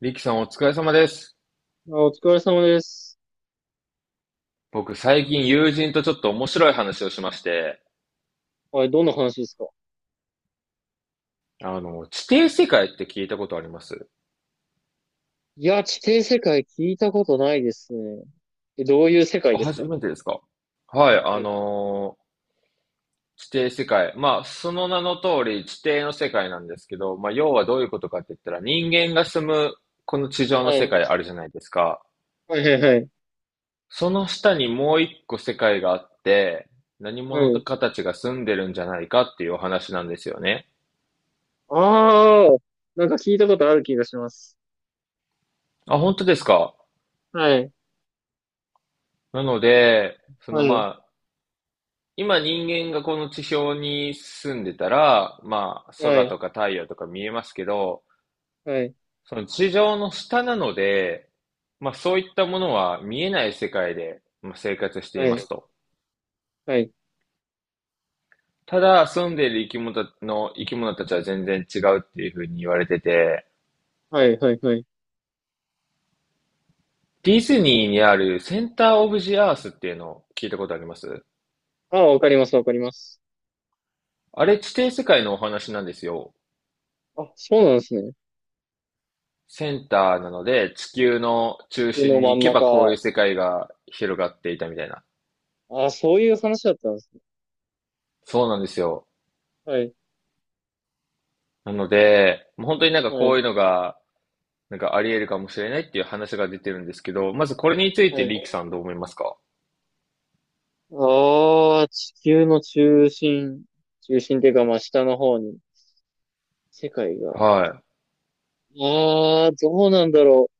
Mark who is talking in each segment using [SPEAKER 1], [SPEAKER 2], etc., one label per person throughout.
[SPEAKER 1] リキさんお疲れ様です。
[SPEAKER 2] あ、お疲れ様です。
[SPEAKER 1] 僕最近友人とちょっと面白い話をしまして、
[SPEAKER 2] はい、どんな話ですか？
[SPEAKER 1] 地底世界って聞いたことあります？
[SPEAKER 2] いや、地底世界聞いたことないですね。え、どういう世界
[SPEAKER 1] あ、
[SPEAKER 2] ですか？
[SPEAKER 1] 初
[SPEAKER 2] は
[SPEAKER 1] めてですか？はい、
[SPEAKER 2] い。
[SPEAKER 1] 地底世界。まあ、その名の通り地底の世界なんですけど、まあ、要はどういうことかって言ったら人間が住むこの地上
[SPEAKER 2] は
[SPEAKER 1] の
[SPEAKER 2] い、
[SPEAKER 1] 世
[SPEAKER 2] は
[SPEAKER 1] 界あるじゃないですか。
[SPEAKER 2] い、はい。
[SPEAKER 1] その下にもう一個世界があって、何
[SPEAKER 2] は
[SPEAKER 1] 者
[SPEAKER 2] い。
[SPEAKER 1] かたちが住んでるんじゃないかっていうお話なんですよね。
[SPEAKER 2] ああ、なんか聞いたことある気がします。
[SPEAKER 1] あ、本当ですか？
[SPEAKER 2] はい、
[SPEAKER 1] なので、
[SPEAKER 2] はい、
[SPEAKER 1] 今人間がこの地表に住んでたら、まあ
[SPEAKER 2] は
[SPEAKER 1] 空
[SPEAKER 2] い、
[SPEAKER 1] とか太陽とか見えますけど、
[SPEAKER 2] はい、
[SPEAKER 1] その地上の下なので、まあそういったものは見えない世界でまあ生活してい
[SPEAKER 2] は
[SPEAKER 1] ま
[SPEAKER 2] い、
[SPEAKER 1] すと。
[SPEAKER 2] はい、
[SPEAKER 1] ただ住んでいる生き物たちは全然違うっていうふうに言われてて、
[SPEAKER 2] はい、はい、はい。
[SPEAKER 1] ディズニーにあるセンターオブジアースっていうのを聞いたことあります？
[SPEAKER 2] ああ、わかります、わかります。
[SPEAKER 1] あれ地底世界のお話なんですよ。
[SPEAKER 2] あ、そうなんですね。
[SPEAKER 1] センターなので地球の中
[SPEAKER 2] 地球の
[SPEAKER 1] 心に
[SPEAKER 2] 真
[SPEAKER 1] 行
[SPEAKER 2] ん
[SPEAKER 1] けばこう
[SPEAKER 2] 中。
[SPEAKER 1] いう世界が広がっていたみたいな。
[SPEAKER 2] ああ、そういう話だったんですね。
[SPEAKER 1] そうなんですよ。
[SPEAKER 2] はい、
[SPEAKER 1] なので、もう本当になんか
[SPEAKER 2] は
[SPEAKER 1] こう
[SPEAKER 2] い、
[SPEAKER 1] いうのが、なんかあり得るかもしれないっていう話が出てるんですけど、まずこれについて
[SPEAKER 2] は
[SPEAKER 1] リーキ
[SPEAKER 2] い。
[SPEAKER 1] さんどう思いますか？
[SPEAKER 2] ああ、地球の中心、中心っていうか、まあ、下の方に。世界が。あ
[SPEAKER 1] は
[SPEAKER 2] あ、どうなんだろ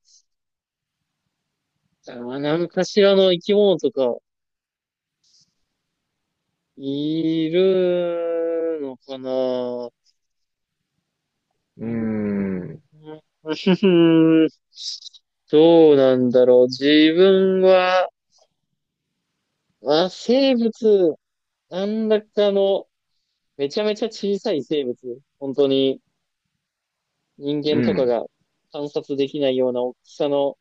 [SPEAKER 2] う。何かしらの生き物とか、いるのかな。う
[SPEAKER 1] い。うー
[SPEAKER 2] ーん。
[SPEAKER 1] ん。
[SPEAKER 2] どうなんだろう。自分は、まあ、生物、なんだかの、めちゃめちゃ小さい生物。本当に人
[SPEAKER 1] う
[SPEAKER 2] 間とか
[SPEAKER 1] ん。
[SPEAKER 2] が観察できないような大きさの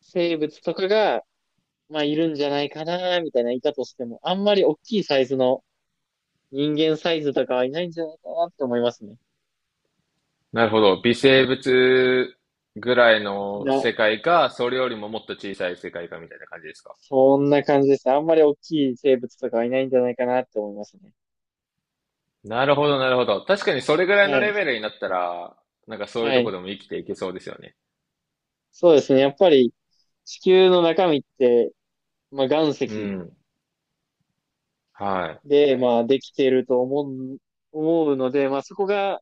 [SPEAKER 2] 生物とかが、まあ、いるんじゃないかな、みたいな、いたとしても、あんまり大きいサイズの人間サイズとかはいないんじゃないかなって思いますね。
[SPEAKER 1] なるほど。微生物ぐらいの
[SPEAKER 2] な、
[SPEAKER 1] 世界か、それよりももっと小さい世界かみたいな感じですか？
[SPEAKER 2] そんな感じですね。あんまり大きい生物とかはいないんじゃないかなって思いますね。
[SPEAKER 1] なるほど、なるほど。確かにそれぐらい
[SPEAKER 2] は
[SPEAKER 1] のレベ
[SPEAKER 2] い。
[SPEAKER 1] ルになったら、なんかそういう
[SPEAKER 2] は
[SPEAKER 1] とこ
[SPEAKER 2] い。
[SPEAKER 1] でも生きていけそうですよね。
[SPEAKER 2] そうですね。やっぱり地球の中身って、まあ、岩
[SPEAKER 1] う
[SPEAKER 2] 石
[SPEAKER 1] ん。はい。
[SPEAKER 2] で、まあ、できているとう、思うので、まあ、そこが、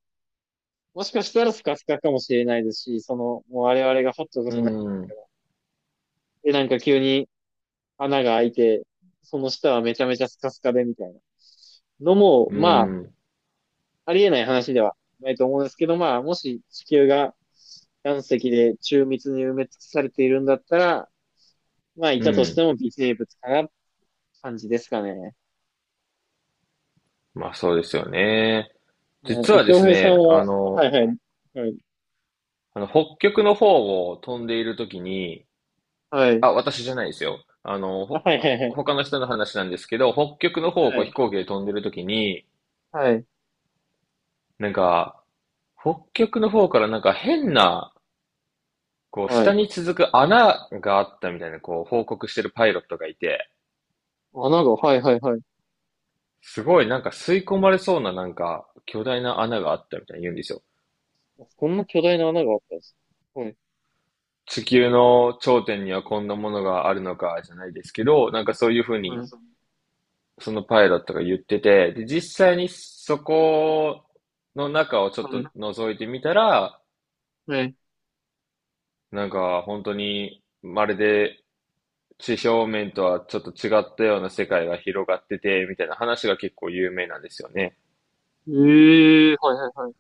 [SPEAKER 2] もしかしたらスカスカかもしれないですし、その、もう我々が掘ったこ
[SPEAKER 1] う
[SPEAKER 2] とない。
[SPEAKER 1] ん。
[SPEAKER 2] で、なんか急に穴が開いて、その下はめちゃめちゃスカスカでみたいなのも、
[SPEAKER 1] う
[SPEAKER 2] まあ、
[SPEAKER 1] ん。
[SPEAKER 2] ありえない話ではないと思うんですけど、まあ、もし地球が岩石で中密に埋め尽くされているんだったら、まあ、い
[SPEAKER 1] う
[SPEAKER 2] たとして
[SPEAKER 1] ん。
[SPEAKER 2] も微生物かな、感じですかね。
[SPEAKER 1] まあそうですよね。
[SPEAKER 2] は
[SPEAKER 1] 実
[SPEAKER 2] い。
[SPEAKER 1] はで
[SPEAKER 2] 京
[SPEAKER 1] す
[SPEAKER 2] 平さん
[SPEAKER 1] ね、
[SPEAKER 2] は、はいはい。はい。
[SPEAKER 1] あの北極の方を飛んでいるときに、
[SPEAKER 2] はい。
[SPEAKER 1] あ、私じゃないですよ。
[SPEAKER 2] あはいはいはい。
[SPEAKER 1] 他の人の話なんですけど、北極の方を
[SPEAKER 2] は
[SPEAKER 1] こう
[SPEAKER 2] い。
[SPEAKER 1] 飛行機で飛んでるときに、
[SPEAKER 2] はい。
[SPEAKER 1] なんか、北極の方からなんか変な、こう
[SPEAKER 2] は
[SPEAKER 1] 下
[SPEAKER 2] い。
[SPEAKER 1] に続く穴があったみたいな、こう報告してるパイロットがいて、
[SPEAKER 2] 穴が、はいはいはい。
[SPEAKER 1] すごいなんか吸い込まれそうななんか巨大な穴があったみたいに言うんですよ。
[SPEAKER 2] こんな巨大な穴があったんです。はい。
[SPEAKER 1] 地球の頂点にはこんなものがあるのかじゃないですけど、なんかそういうふう
[SPEAKER 2] はい。
[SPEAKER 1] にそのパイロットが言ってて、で、実際にそこの中をちょっと覗いてみたら、
[SPEAKER 2] はい。
[SPEAKER 1] なんか本当にまるで地表面とはちょっと違ったような世界が広がってて、みたいな話が結構有名なんですよね。
[SPEAKER 2] ええー、はいはいはい。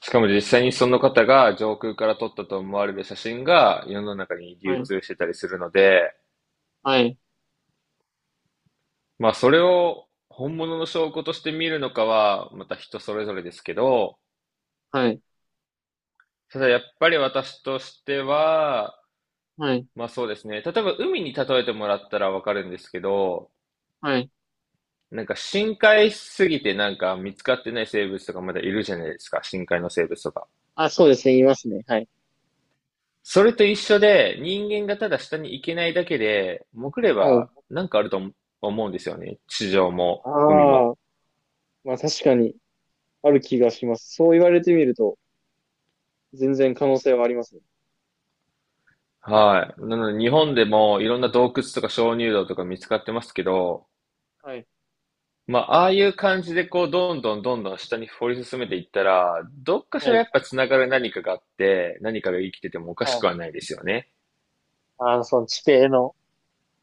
[SPEAKER 1] しかも実際にその方が上空から撮ったと思われる写真が世の中に
[SPEAKER 2] は
[SPEAKER 1] 流
[SPEAKER 2] い。
[SPEAKER 1] 通してたりするので、
[SPEAKER 2] はい。
[SPEAKER 1] まあ、それを本物の証拠として見るのかは、また人それぞれですけど、
[SPEAKER 2] はい。
[SPEAKER 1] ただやっぱり私としては、
[SPEAKER 2] はい。
[SPEAKER 1] まあそうですね。例えば海に例えてもらったらわかるんですけど、
[SPEAKER 2] はい。
[SPEAKER 1] なんか深海しすぎてなんか見つかってない生物とかまだいるじゃないですか。深海の生物とか。
[SPEAKER 2] あ、そうですね。いますね。はい。
[SPEAKER 1] それと一緒で、人間がただ下に行けないだけで、潜れ
[SPEAKER 2] はい。
[SPEAKER 1] ばなんかあると思うんですよね。地上も海も。
[SPEAKER 2] ああ、まあ確かに。ある気がします。そう言われてみると、全然可能性はありますね。
[SPEAKER 1] はい。なので日本でもいろんな洞窟とか鍾乳洞とか見つかってますけど、
[SPEAKER 2] はい。
[SPEAKER 1] まあ、ああいう感じでこう、どんどんどんどん下に掘り進めていったら、どっかし
[SPEAKER 2] は
[SPEAKER 1] らや
[SPEAKER 2] い。
[SPEAKER 1] っぱつながる何かがあって、何かが生きててもおかし
[SPEAKER 2] は
[SPEAKER 1] く
[SPEAKER 2] い。
[SPEAKER 1] はないですよね。
[SPEAKER 2] あの、その地底の、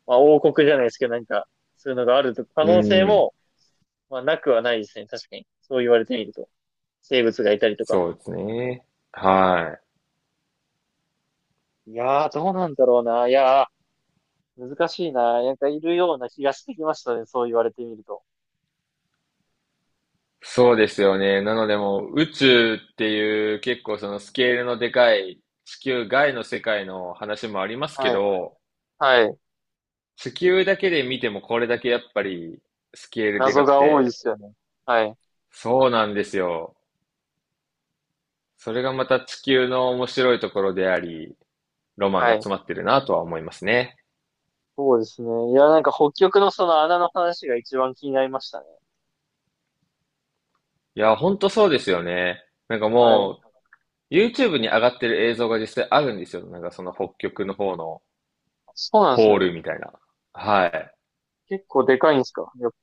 [SPEAKER 2] まあ、王国じゃないですけど、なんか、そういうのがあると、可
[SPEAKER 1] う
[SPEAKER 2] 能性
[SPEAKER 1] ん。
[SPEAKER 2] も、まあ、なくはないですね。確かに。そう言われてみると。生物がいたりとか。
[SPEAKER 1] そうですね。はい。
[SPEAKER 2] いやー、どうなんだろうな。いやー、難しいな。なんかいるような気がしてきましたね。そう言われてみると。
[SPEAKER 1] そうですよね。なのでもう宇宙っていう結構そのスケールのでかい地球外の世界の話もありますけ
[SPEAKER 2] はい。
[SPEAKER 1] ど、
[SPEAKER 2] はい。
[SPEAKER 1] 地球だけで見てもこれだけやっぱりスケールで
[SPEAKER 2] 謎
[SPEAKER 1] かく
[SPEAKER 2] が多いで
[SPEAKER 1] て、
[SPEAKER 2] すよね。はい。
[SPEAKER 1] そうなんですよ。それがまた地球の面白いところであり、ロマン
[SPEAKER 2] は
[SPEAKER 1] が
[SPEAKER 2] い。
[SPEAKER 1] 詰まってるなとは思いますね。
[SPEAKER 2] そうですね。いや、なんか北極のその穴の話が一番気になりましたね。
[SPEAKER 1] いや、ほんとそうですよね。なんか
[SPEAKER 2] はい。
[SPEAKER 1] もう、YouTube に上がってる映像が実際あるんですよ。なんかその北極の方の
[SPEAKER 2] そうなんで
[SPEAKER 1] ホー
[SPEAKER 2] すね。
[SPEAKER 1] ルみたいな。はい。
[SPEAKER 2] 結構でかいんですかよ？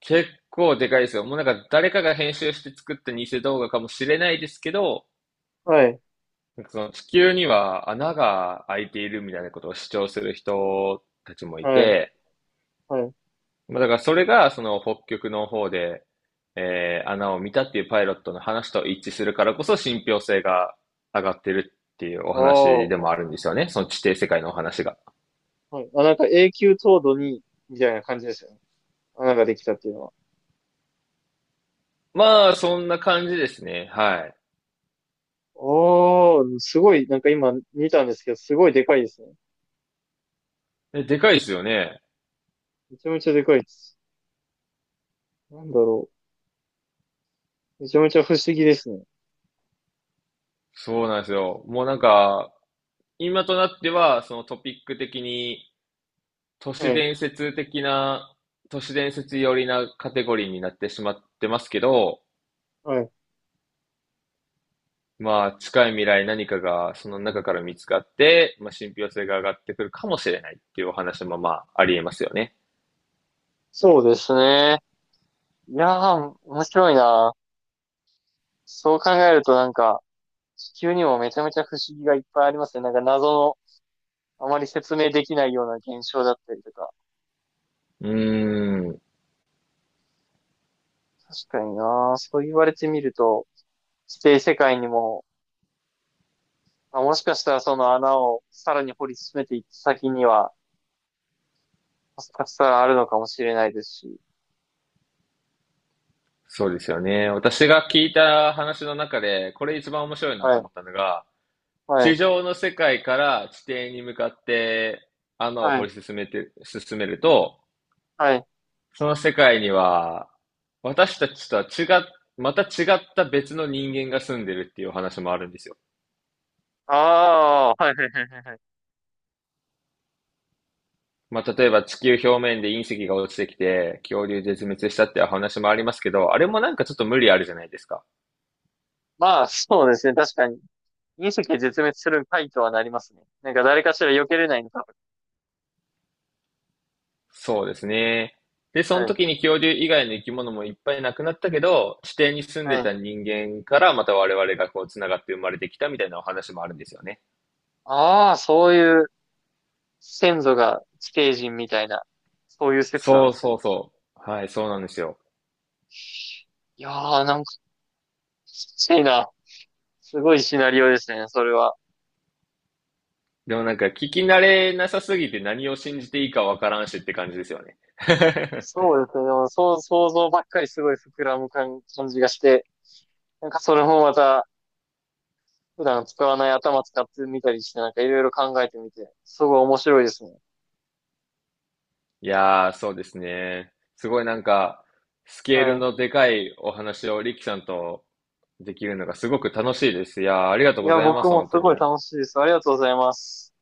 [SPEAKER 1] 結構でかいですよ。もうなんか誰かが編集して作った偽動画かもしれないですけど、
[SPEAKER 2] はい、
[SPEAKER 1] なんかその地球には穴が開いているみたいなことを主張する人たちもい
[SPEAKER 2] はい、
[SPEAKER 1] て、
[SPEAKER 2] はい。
[SPEAKER 1] まあ、だからそれが、その北極の方で、穴を見たっていうパイロットの話と一致するからこそ信憑性が上がってるっていうお
[SPEAKER 2] あ
[SPEAKER 1] 話で
[SPEAKER 2] あ、
[SPEAKER 1] もあるんですよね。その地底世界のお話が。
[SPEAKER 2] はい。あ、なんか永久凍土に、みたいな感じですよね。穴ができたっていうのは。
[SPEAKER 1] まあ、そんな感じですね。は
[SPEAKER 2] ああ、すごい、なんか今見たんですけど、すごいでかいですね。
[SPEAKER 1] い。でかいですよね。
[SPEAKER 2] めちゃめちゃでかいです。なんだろう。めちゃめちゃ不思議ですね。
[SPEAKER 1] そうなんですよ。もうなんか、今となっては、そのトピック的に、都
[SPEAKER 2] は
[SPEAKER 1] 市
[SPEAKER 2] い、
[SPEAKER 1] 伝説的な、都市伝説寄りなカテゴリーになってしまってますけど、
[SPEAKER 2] はい。
[SPEAKER 1] まあ、近い未来何かがその中から見つかって、まあ、信憑性が上がってくるかもしれないっていうお話もまあ、ありえますよね。
[SPEAKER 2] そうですね。いやー、面白いな。そう考えるとなんか、地球にもめちゃめちゃ不思議がいっぱいありますね。なんか謎の、あまり説明できないような現象だったりとか。
[SPEAKER 1] うーん、
[SPEAKER 2] 確かにな。そう言われてみると、地底世界にも、まあ、もしかしたらその穴をさらに掘り進めていった先には、もしかしたらあるのかもしれないですし。
[SPEAKER 1] そうですよね。私が聞いた話の中で、これ一番面白いな
[SPEAKER 2] は
[SPEAKER 1] と
[SPEAKER 2] い、
[SPEAKER 1] 思ったのが、
[SPEAKER 2] は
[SPEAKER 1] 地
[SPEAKER 2] い、
[SPEAKER 1] 上の世界から地底に向かって穴を
[SPEAKER 2] は
[SPEAKER 1] 掘
[SPEAKER 2] い、
[SPEAKER 1] り進めて、進めると、
[SPEAKER 2] はい。
[SPEAKER 1] その世界には、私たちとは違っ、また違った別の人間が住んでるっていうお話もあるんですよ。
[SPEAKER 2] ああ、はい、はい、はい、はい。
[SPEAKER 1] まあ、例えば地球表面で隕石が落ちてきて、恐竜絶滅したっていう話もありますけど、あれもなんかちょっと
[SPEAKER 2] は
[SPEAKER 1] 無
[SPEAKER 2] い。
[SPEAKER 1] 理あるじゃないですか。
[SPEAKER 2] まあ、そうですね。確かに。隕石で絶滅する回とはなりますね。なんか誰かしら避けれないのか。
[SPEAKER 1] そうですね。で、その
[SPEAKER 2] はい、
[SPEAKER 1] 時に恐竜以外の生き物もいっぱい亡くなったけど、地底に住ん
[SPEAKER 2] は
[SPEAKER 1] で
[SPEAKER 2] い。
[SPEAKER 1] た人間からまた我々がこう繋がって生まれてきたみたいなお話もあるんですよね。
[SPEAKER 2] ああ、そういう先祖が地底人みたいな、そういう説なん
[SPEAKER 1] そ
[SPEAKER 2] で
[SPEAKER 1] う
[SPEAKER 2] す
[SPEAKER 1] そ
[SPEAKER 2] ね。
[SPEAKER 1] うそう。はい、そうなんですよ。
[SPEAKER 2] いやー、なんか、きついな。すごいシナリオですね、それは。
[SPEAKER 1] でもなんか聞き慣れなさすぎて何を信じていいかわからんしって感じですよね。
[SPEAKER 2] そうですね、でも、そう、想像ばっかりすごい膨らむ感じがして、なんかそれもまた、普段使わない頭使ってみたりして、なんかいろいろ考えてみて、すごい面白いですね。
[SPEAKER 1] いやー、そうですね。すごいなんか、スケール
[SPEAKER 2] は
[SPEAKER 1] のでかいお話をリキさんとできるのがすごく楽しいです。いやー、ありがと
[SPEAKER 2] い。
[SPEAKER 1] う
[SPEAKER 2] い
[SPEAKER 1] ご
[SPEAKER 2] や、
[SPEAKER 1] ざいま
[SPEAKER 2] 僕
[SPEAKER 1] す、
[SPEAKER 2] も
[SPEAKER 1] 本
[SPEAKER 2] す
[SPEAKER 1] 当
[SPEAKER 2] ごい
[SPEAKER 1] に。
[SPEAKER 2] 楽しいです。ありがとうございます。